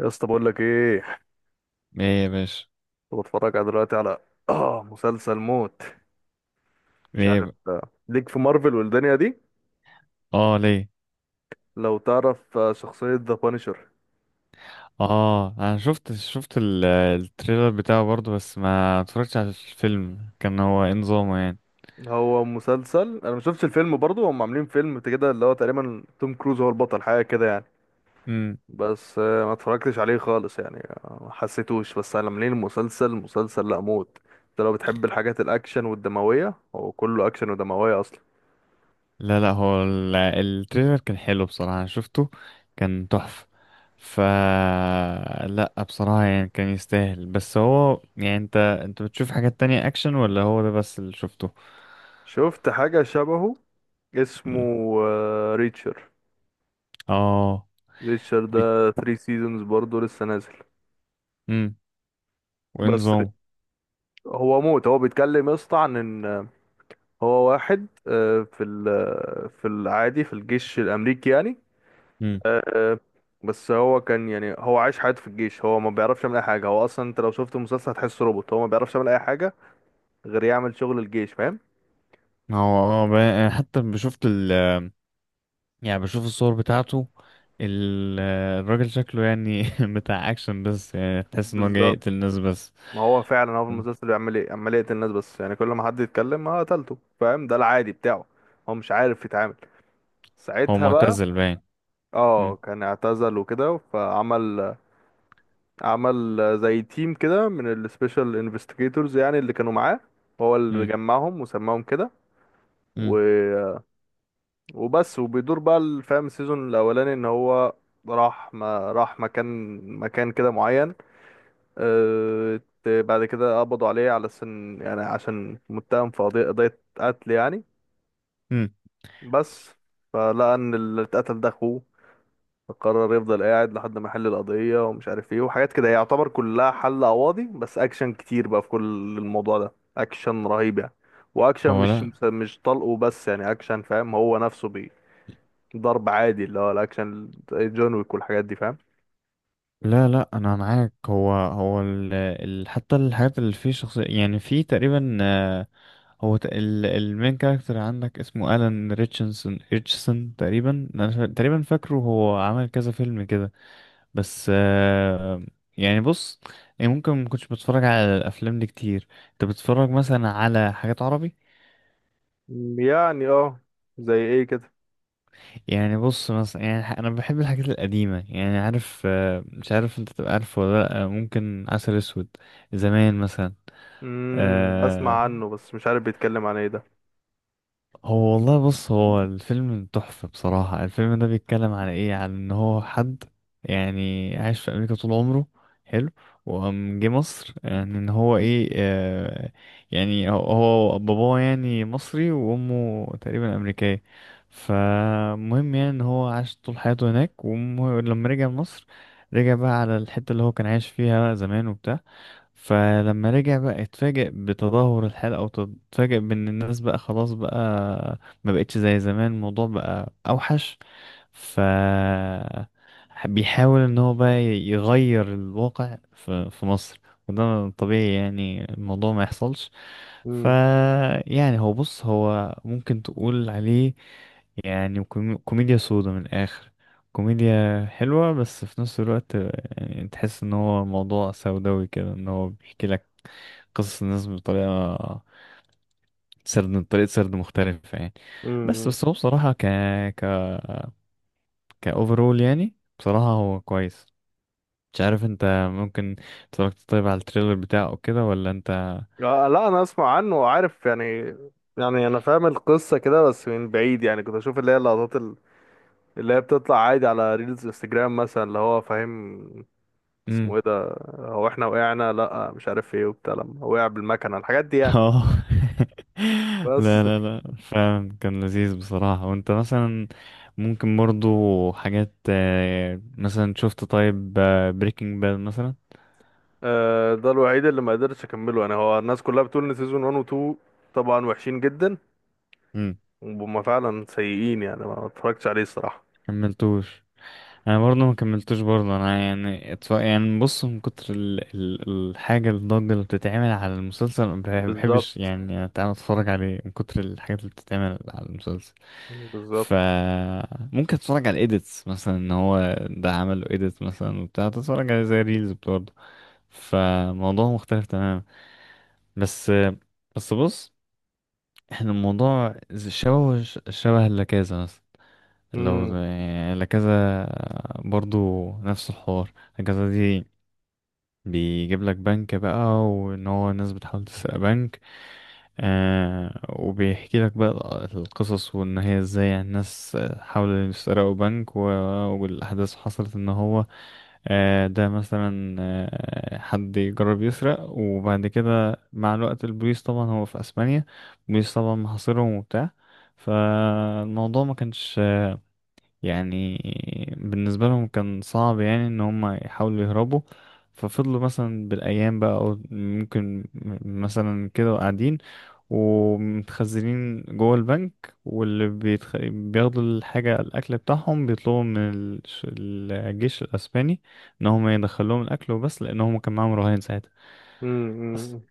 يا اسطى، بقول لك ايه. ايه يا باشا. كنت بتفرج على دلوقتي على اه مسلسل موت، مش ايه عارف ب... ليك في مارفل والدنيا دي. اه، ليه؟ لو تعرف شخصية ذا بانشر. اه، انا شفت التريلر بتاعه برضه، بس ما اتفرجتش على الفيلم. كان هو إيه نظامه يعني؟ هو مسلسل، انا ما شفتش الفيلم برضو. هم عاملين فيلم كده اللي هو تقريبا توم كروز هو البطل، حاجة كده يعني. امم. بس ما اتفرجتش عليه خالص يعني. ما حسيتوش. بس انا منين؟ المسلسل لا موت. انت لو بتحب الحاجات الاكشن والدموية، هو كله اكشن ودموية اصلا. لا لا، هو التريلر كان حلو بصراحة، انا شفته. كان تحفة. ف لا بصراحة يعني كان يستاهل. بس هو يعني انت بتشوف حاجات تانية اكشن ولا هو ده بس اللي شفته؟ شفت حاجة شبهه، مم. اسمه ريتشر اه. ريتشارد. ده 3 سيزونز برضه لسه نازل. امم. وإيه بس نظامه؟ هو موت. هو بيتكلم يا اسطى عن ان هو واحد في في العادي في الجيش الامريكي يعني. امم. آه، بس هو كان يعني هو عايش حياته في الجيش، هو ما بيعرفش يعمل اي حاجه. هو اصلا انت لو شفت المسلسل هتحسه روبوت، هو ما بيعرفش يعمل اي حاجه غير يعمل شغل الجيش، فاهم؟ هو اه، أنا حتى شفت، يعني بشوف الصور بتاعته. ال- الراجل شكله يعني بتاع اكشن، بس يعني تحس انه جاي بالظبط. يقتل ناس بس. ما هو فعلا هو في المسلسل بيعمل ايه؟ عمال يقتل الناس بس، يعني كل ما حد يتكلم ما قتلته، فاهم؟ ده العادي بتاعه. هو مش عارف يتعامل هو ساعتها بقى. معتزل باين. اه، مم. كان اعتزل وكده فعمل، عمل زي تيم كده من السبيشال انفستيجيتورز يعني، اللي كانوا معاه هو اللي مم. جمعهم وسماهم كده. و... مم. وبس. وبيدور بقى الفام السيزون الاولاني ان هو راح، ما راح مكان كده معين. بعد كده قبضوا عليه على سن يعني، عشان متهم في قضية قتل يعني. مم. بس فلقى ان اللي اتقتل ده اخوه، فقرر يفضل قاعد لحد ما يحل القضية ومش عارف ايه وحاجات كده. هي يعتبر كلها حل قواضي، بس اكشن كتير بقى في كل الموضوع ده، اكشن رهيب يعني. واكشن مش لا مش طلقه بس يعني، اكشن فاهم. هو نفسه بي ضرب عادي، اللي هو الاكشن زي جون ويك والحاجات دي، فاهم؟ لا لا، انا معاك. هو ال حتى الحاجات اللي فيه شخصية يعني في تقريبا، هو ال المين كاركتر عندك اسمه الان ريتشنسون ريتشسون تقريبا، تقريبا فاكره هو عمل كذا فيلم كده. بس، يعني بص، يعني ممكن ما كنتش بتفرج على الافلام دي كتير؟ انت بتتفرج مثلا على حاجات عربي؟ يعني اه، زي ايه كده؟ يعني بص مثلا، انا بحب الحاجات القديمه، يعني عارف، مش عارف انت تبقى عارف ولا لا، ممكن عسل اسود زمان مثلا. اسمع آه، عنه بس مش عارف بيتكلم عن ايه ده. هو والله، بص، هو الفيلم تحفة بصراحة. الفيلم ده بيتكلم عن ايه؟ عن ان هو حد يعني عايش في امريكا طول عمره. حلو. وقام جه مصر، يعني ان هو ايه، آه، يعني هو باباه يعني مصري وامه تقريبا امريكية. فمهم يعني ان هو عاش طول حياته هناك، ولما رجع مصر، رجع بقى على الحتة اللي هو كان عايش فيها زمان وبتاع. فلما رجع بقى اتفاجئ بتدهور الحال، او اتفاجئ بان الناس بقى خلاص بقى ما بقتش زي زمان، الموضوع بقى اوحش. ف بيحاول ان هو بقى يغير الواقع في مصر، وده طبيعي يعني الموضوع ما يحصلش. ف امم. يعني هو، بص، هو ممكن تقول عليه يعني كوميديا سودا من الاخر. كوميديا حلوة، بس في نفس الوقت يعني تحس ان هو موضوع سوداوي كده، ان هو بيحكي لك قصص الناس بطريقة، طريقة سرد مختلفة يعني. بس امم. بس هو بصراحة، ك ك كأوفرول يعني، بصراحة هو كويس. مش عارف انت ممكن اتفرجت طيب على التريلر بتاعه كده ولا انت؟ آه، لا، انا اسمع عنه وعارف يعني. يعني انا فاهم القصة كده بس من بعيد، يعني كنت اشوف اللي هي اللقطات اللي هي بتطلع عادي على ريلز انستجرام مثلا، اللي هو فاهم اسمه ايه ده. هو احنا وقعنا، لا مش عارف ايه وبتاع، لما وقع بالمكنه الحاجات دي يعني. اه بس لا لا لا، فعلا كان لذيذ بصراحة. وانت مثلا ممكن برضو حاجات، مثلا شفت طيب بريكنج باد مثلا؟ آه، ده الوحيد اللي ما قدرتش اكمله انا. هو الناس كلها بتقول ان سيزون 1 و 2 طبعا وحشين جدا، امم. وهم فعلا سيئين يعني. ما اتفرجتش عليه الصراحه. كملتوش. انا برضه ما كملتوش برضه. انا يعني يعني بص، من كتر الضجه اللي بتتعمل على المسلسل ما بحبش بالظبط، يعني تعالى اتفرج عليه، من كتر الحاجات اللي بتتعمل على المسلسل. ف بالظبط. ممكن اتفرج على الايديتس مثلا، ان هو ده عمله ايديت مثلا وبتاع، تتفرج عليه زي ريلز برضه. فموضوع مختلف تماما. بس بس بص، احنا الموضوع شبه شبه اللاكازا مثلا. لو امم. لكذا برضو نفس الحوار. لكذا دي بيجيب لك بنك بقى، وان هو الناس بتحاول تسرق بنك. آه، وبيحكي لك بقى القصص، وان هي ازاي يعني الناس حاولوا يسرقوا بنك والاحداث حصلت ان هو، ده مثلا، حد يجرب يسرق، وبعد كده مع الوقت البوليس طبعا، هو في اسبانيا، البوليس طبعا محاصرهم وبتاع. فالموضوع ما كانش يعني بالنسبة لهم كان صعب يعني ان هم يحاولوا يهربوا. ففضلوا مثلا بالايام بقى، او ممكن مثلا كده قاعدين ومتخزنين جوه البنك، واللي بياخدوا الحاجة، الاكل بتاعهم بيطلبوا من الجيش الاسباني ان هم يدخلوهم الاكل وبس، لان هم كان معاهم رهائن ساعتها. امم.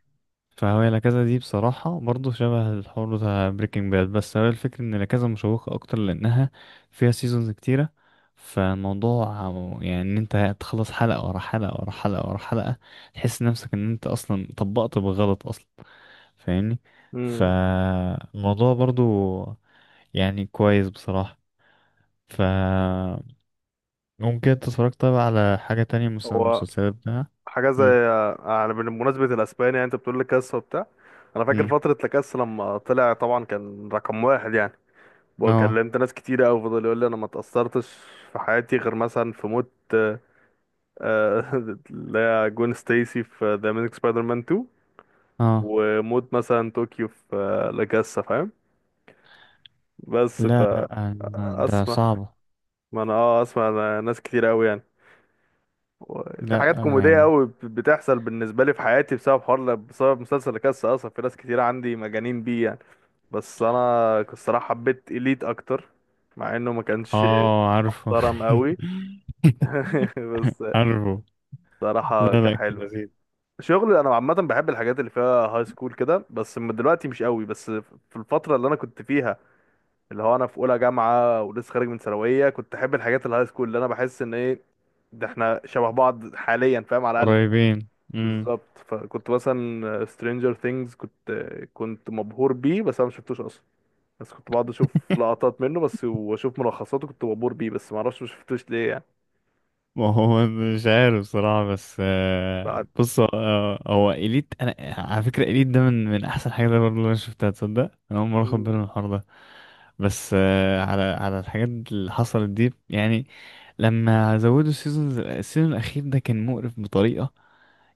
فهو لا كازا دي بصراحة برضه شبه الحوار بتاع بريكنج باد، بس هو الفكرة ان لا كازا مشوقة اكتر لانها فيها سيزونز كتيرة. فالموضوع يعني ان انت تخلص حلقة ورا حلقة ورا حلقة ورا حلقة، تحس نفسك ان انت اصلا طبقت بالغلط اصلا، فاهمني؟ امم. فالموضوع برضه يعني كويس بصراحة. ف ممكن انت اتفرجت طيب على حاجة تانية مثلا هو المسلسلات بتاعها؟ حاجه زي، مم. يعني بمناسبه الاسباني يعني، انت بتقول لي كاس وبتاع. انا فاكر مم. فتره لاكاس لما طلع طبعا كان رقم واحد يعني، اه، وكلمت ناس كتير قوي فضل يقول لي انا ما اتاثرتش في حياتي غير مثلا في موت آه، اللي هي جون ستيسي في ذا اميزنج سبايدر مان 2. اه. وموت مثلا طوكيو في لاكاسا، فاهم؟ بس ف، لا لا، ده اسمع، صعب. ما انا اه، اسمع، أنا ناس كتير قوي يعني في لا حاجات كوميدية يعني. قوي بتحصل بالنسبة لي في حياتي بسبب حوار، بسبب مسلسل كاس أصلا. في ناس كتير عندي مجانين بيه يعني. بس أنا الصراحة حبيت إليت أكتر، مع إنه ما كانش اه، عارفه. محترم قوي. بس عارفه. صراحة لا كان لا، كده حلو. زيد. شغل، أنا عامة بحب الحاجات اللي فيها هاي سكول كده، بس من دلوقتي مش قوي. بس في الفترة اللي أنا كنت فيها، اللي هو أنا في أولى جامعة ولسه خارج من ثانوية، كنت أحب الحاجات الهاي سكول. اللي أنا بحس إن إيه، ده إحنا شبه بعض حاليا، فاهم على الأقل. قريبين. امم. بالظبط. فكنت مثلا سترينجر ثينجز كنت مبهور بيه، بس انا ما شفتوش اصلا. بس كنت بقعد اشوف لقطات منه بس واشوف ملخصاته. كنت مبهور بيه، بس ما اعرفش ما شفتوش ليه يعني. ما هو مش عارف صراحة. بس بعد. آه، بص، هو إليت، أنا على فكرة إليت ده من أحسن حاجة برضه اللي أنا شفتها، تصدق أنا أول مرة أخد مم. بالي من الحوار ده. بس، على على الحاجات اللي حصلت دي يعني، لما زودوا السيزون الأخير ده كان مقرف بطريقة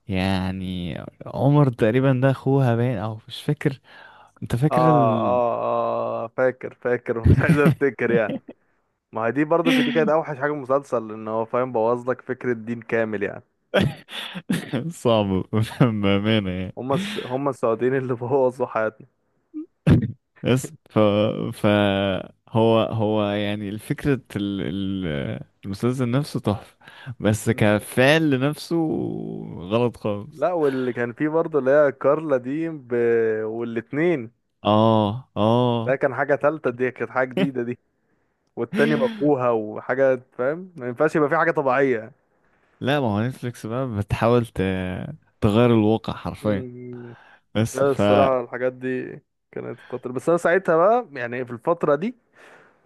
يعني. عمر تقريبا ده أخوها باين أو مش فاكر. انت فاكر اه، اه، اه، فاكر، فاكر. مش عايز افتكر يعني. ما هي دي برضو دي كانت اوحش حاجه في المسلسل، ان هو فاهم بوظ لك فكره دين كامل يعني. صعب. بأمانة يعني. هما هما السعوديين اللي بوظوا حياتنا. بس ف... فهو، يعني الفكرة المسلسل نفسه تحفة، بس مم. كفعل لنفسه غلط خالص. لا، واللي كان فيه برضو اللي هي كارلا دي والاتنين. اه، اه. ده كان حاجه تالته، دي كانت حاجه جديده دي. والتاني بقوها وحاجات، فاهم ما ينفعش يبقى في حاجة طبيعية. لا، ما هو نتفليكس بقى بتحاول تغير الواقع حرفيا. مم. بس لا ف الصراحة الحاجات دي كانت خطر، بس أنا ساعتها بقى يعني في الفترة دي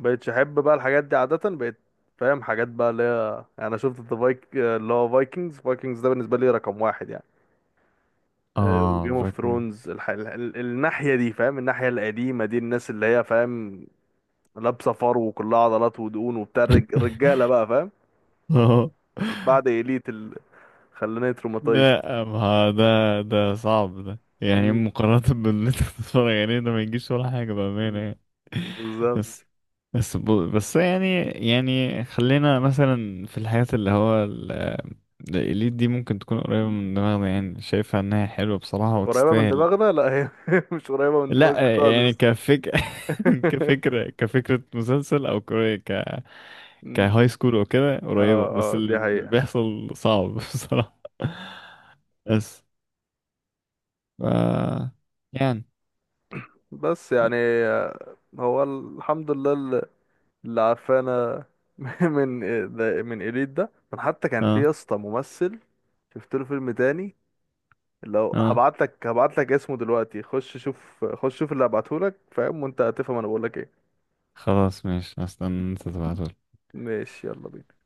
بقيتش أحب بقى الحاجات دي عادة، بقيت فاهم حاجات بقى اللي هي يعني أنا شفت الفايك اللي هو فايكنجز، ده بالنسبة لي رقم واحد يعني. وجيم اه، اوف فاكر. ثرونز الناحية دي، فاهم؟ الناحية القديمة دي، الناس اللي هي فاهم لابسة فرو وكلها عضلات ودهون وبتاع، الرجالة بقى، فاهم؟ اه. بعد إليت اللي خلاني تروماتايزد. لا، ما ده ده صعب. ده يعني مقارنة باللي انت بتتفرج عليه ده ما يجيش ولا حاجة بأمانة مم. يعني. بالظبط. بس بس بس يعني، خلينا مثلا في الحاجات اللي هو الإليت دي ممكن تكون قريبة من دماغنا، يعني شايفها إنها حلوة بصراحة قريبة من وتستاهل. دماغنا؟ لا هي مش قريبة من دماغي لا يعني خالص. كفكرة مسلسل أو كر- ك مم. كهاي سكول أو كده قريبة، اه، بس اه، دي اللي حقيقة. بيحصل صعب بصراحة. بس ف يعني، بس يعني هو الحمد لله اللي عافانا من من إليت ده. من حتى كان في اه، يا اسطى ممثل، شفت له فيلم تاني. لو اه. هبعت لك، هبعت لك اسمه دلوقتي. خش شوف، خش شوف اللي هبعته لك فاهم، وانت هتفهم انا بقول لك ايه. خلاص ماشي، هستنى انت تبعتهولي. ماشي، يلا بينا.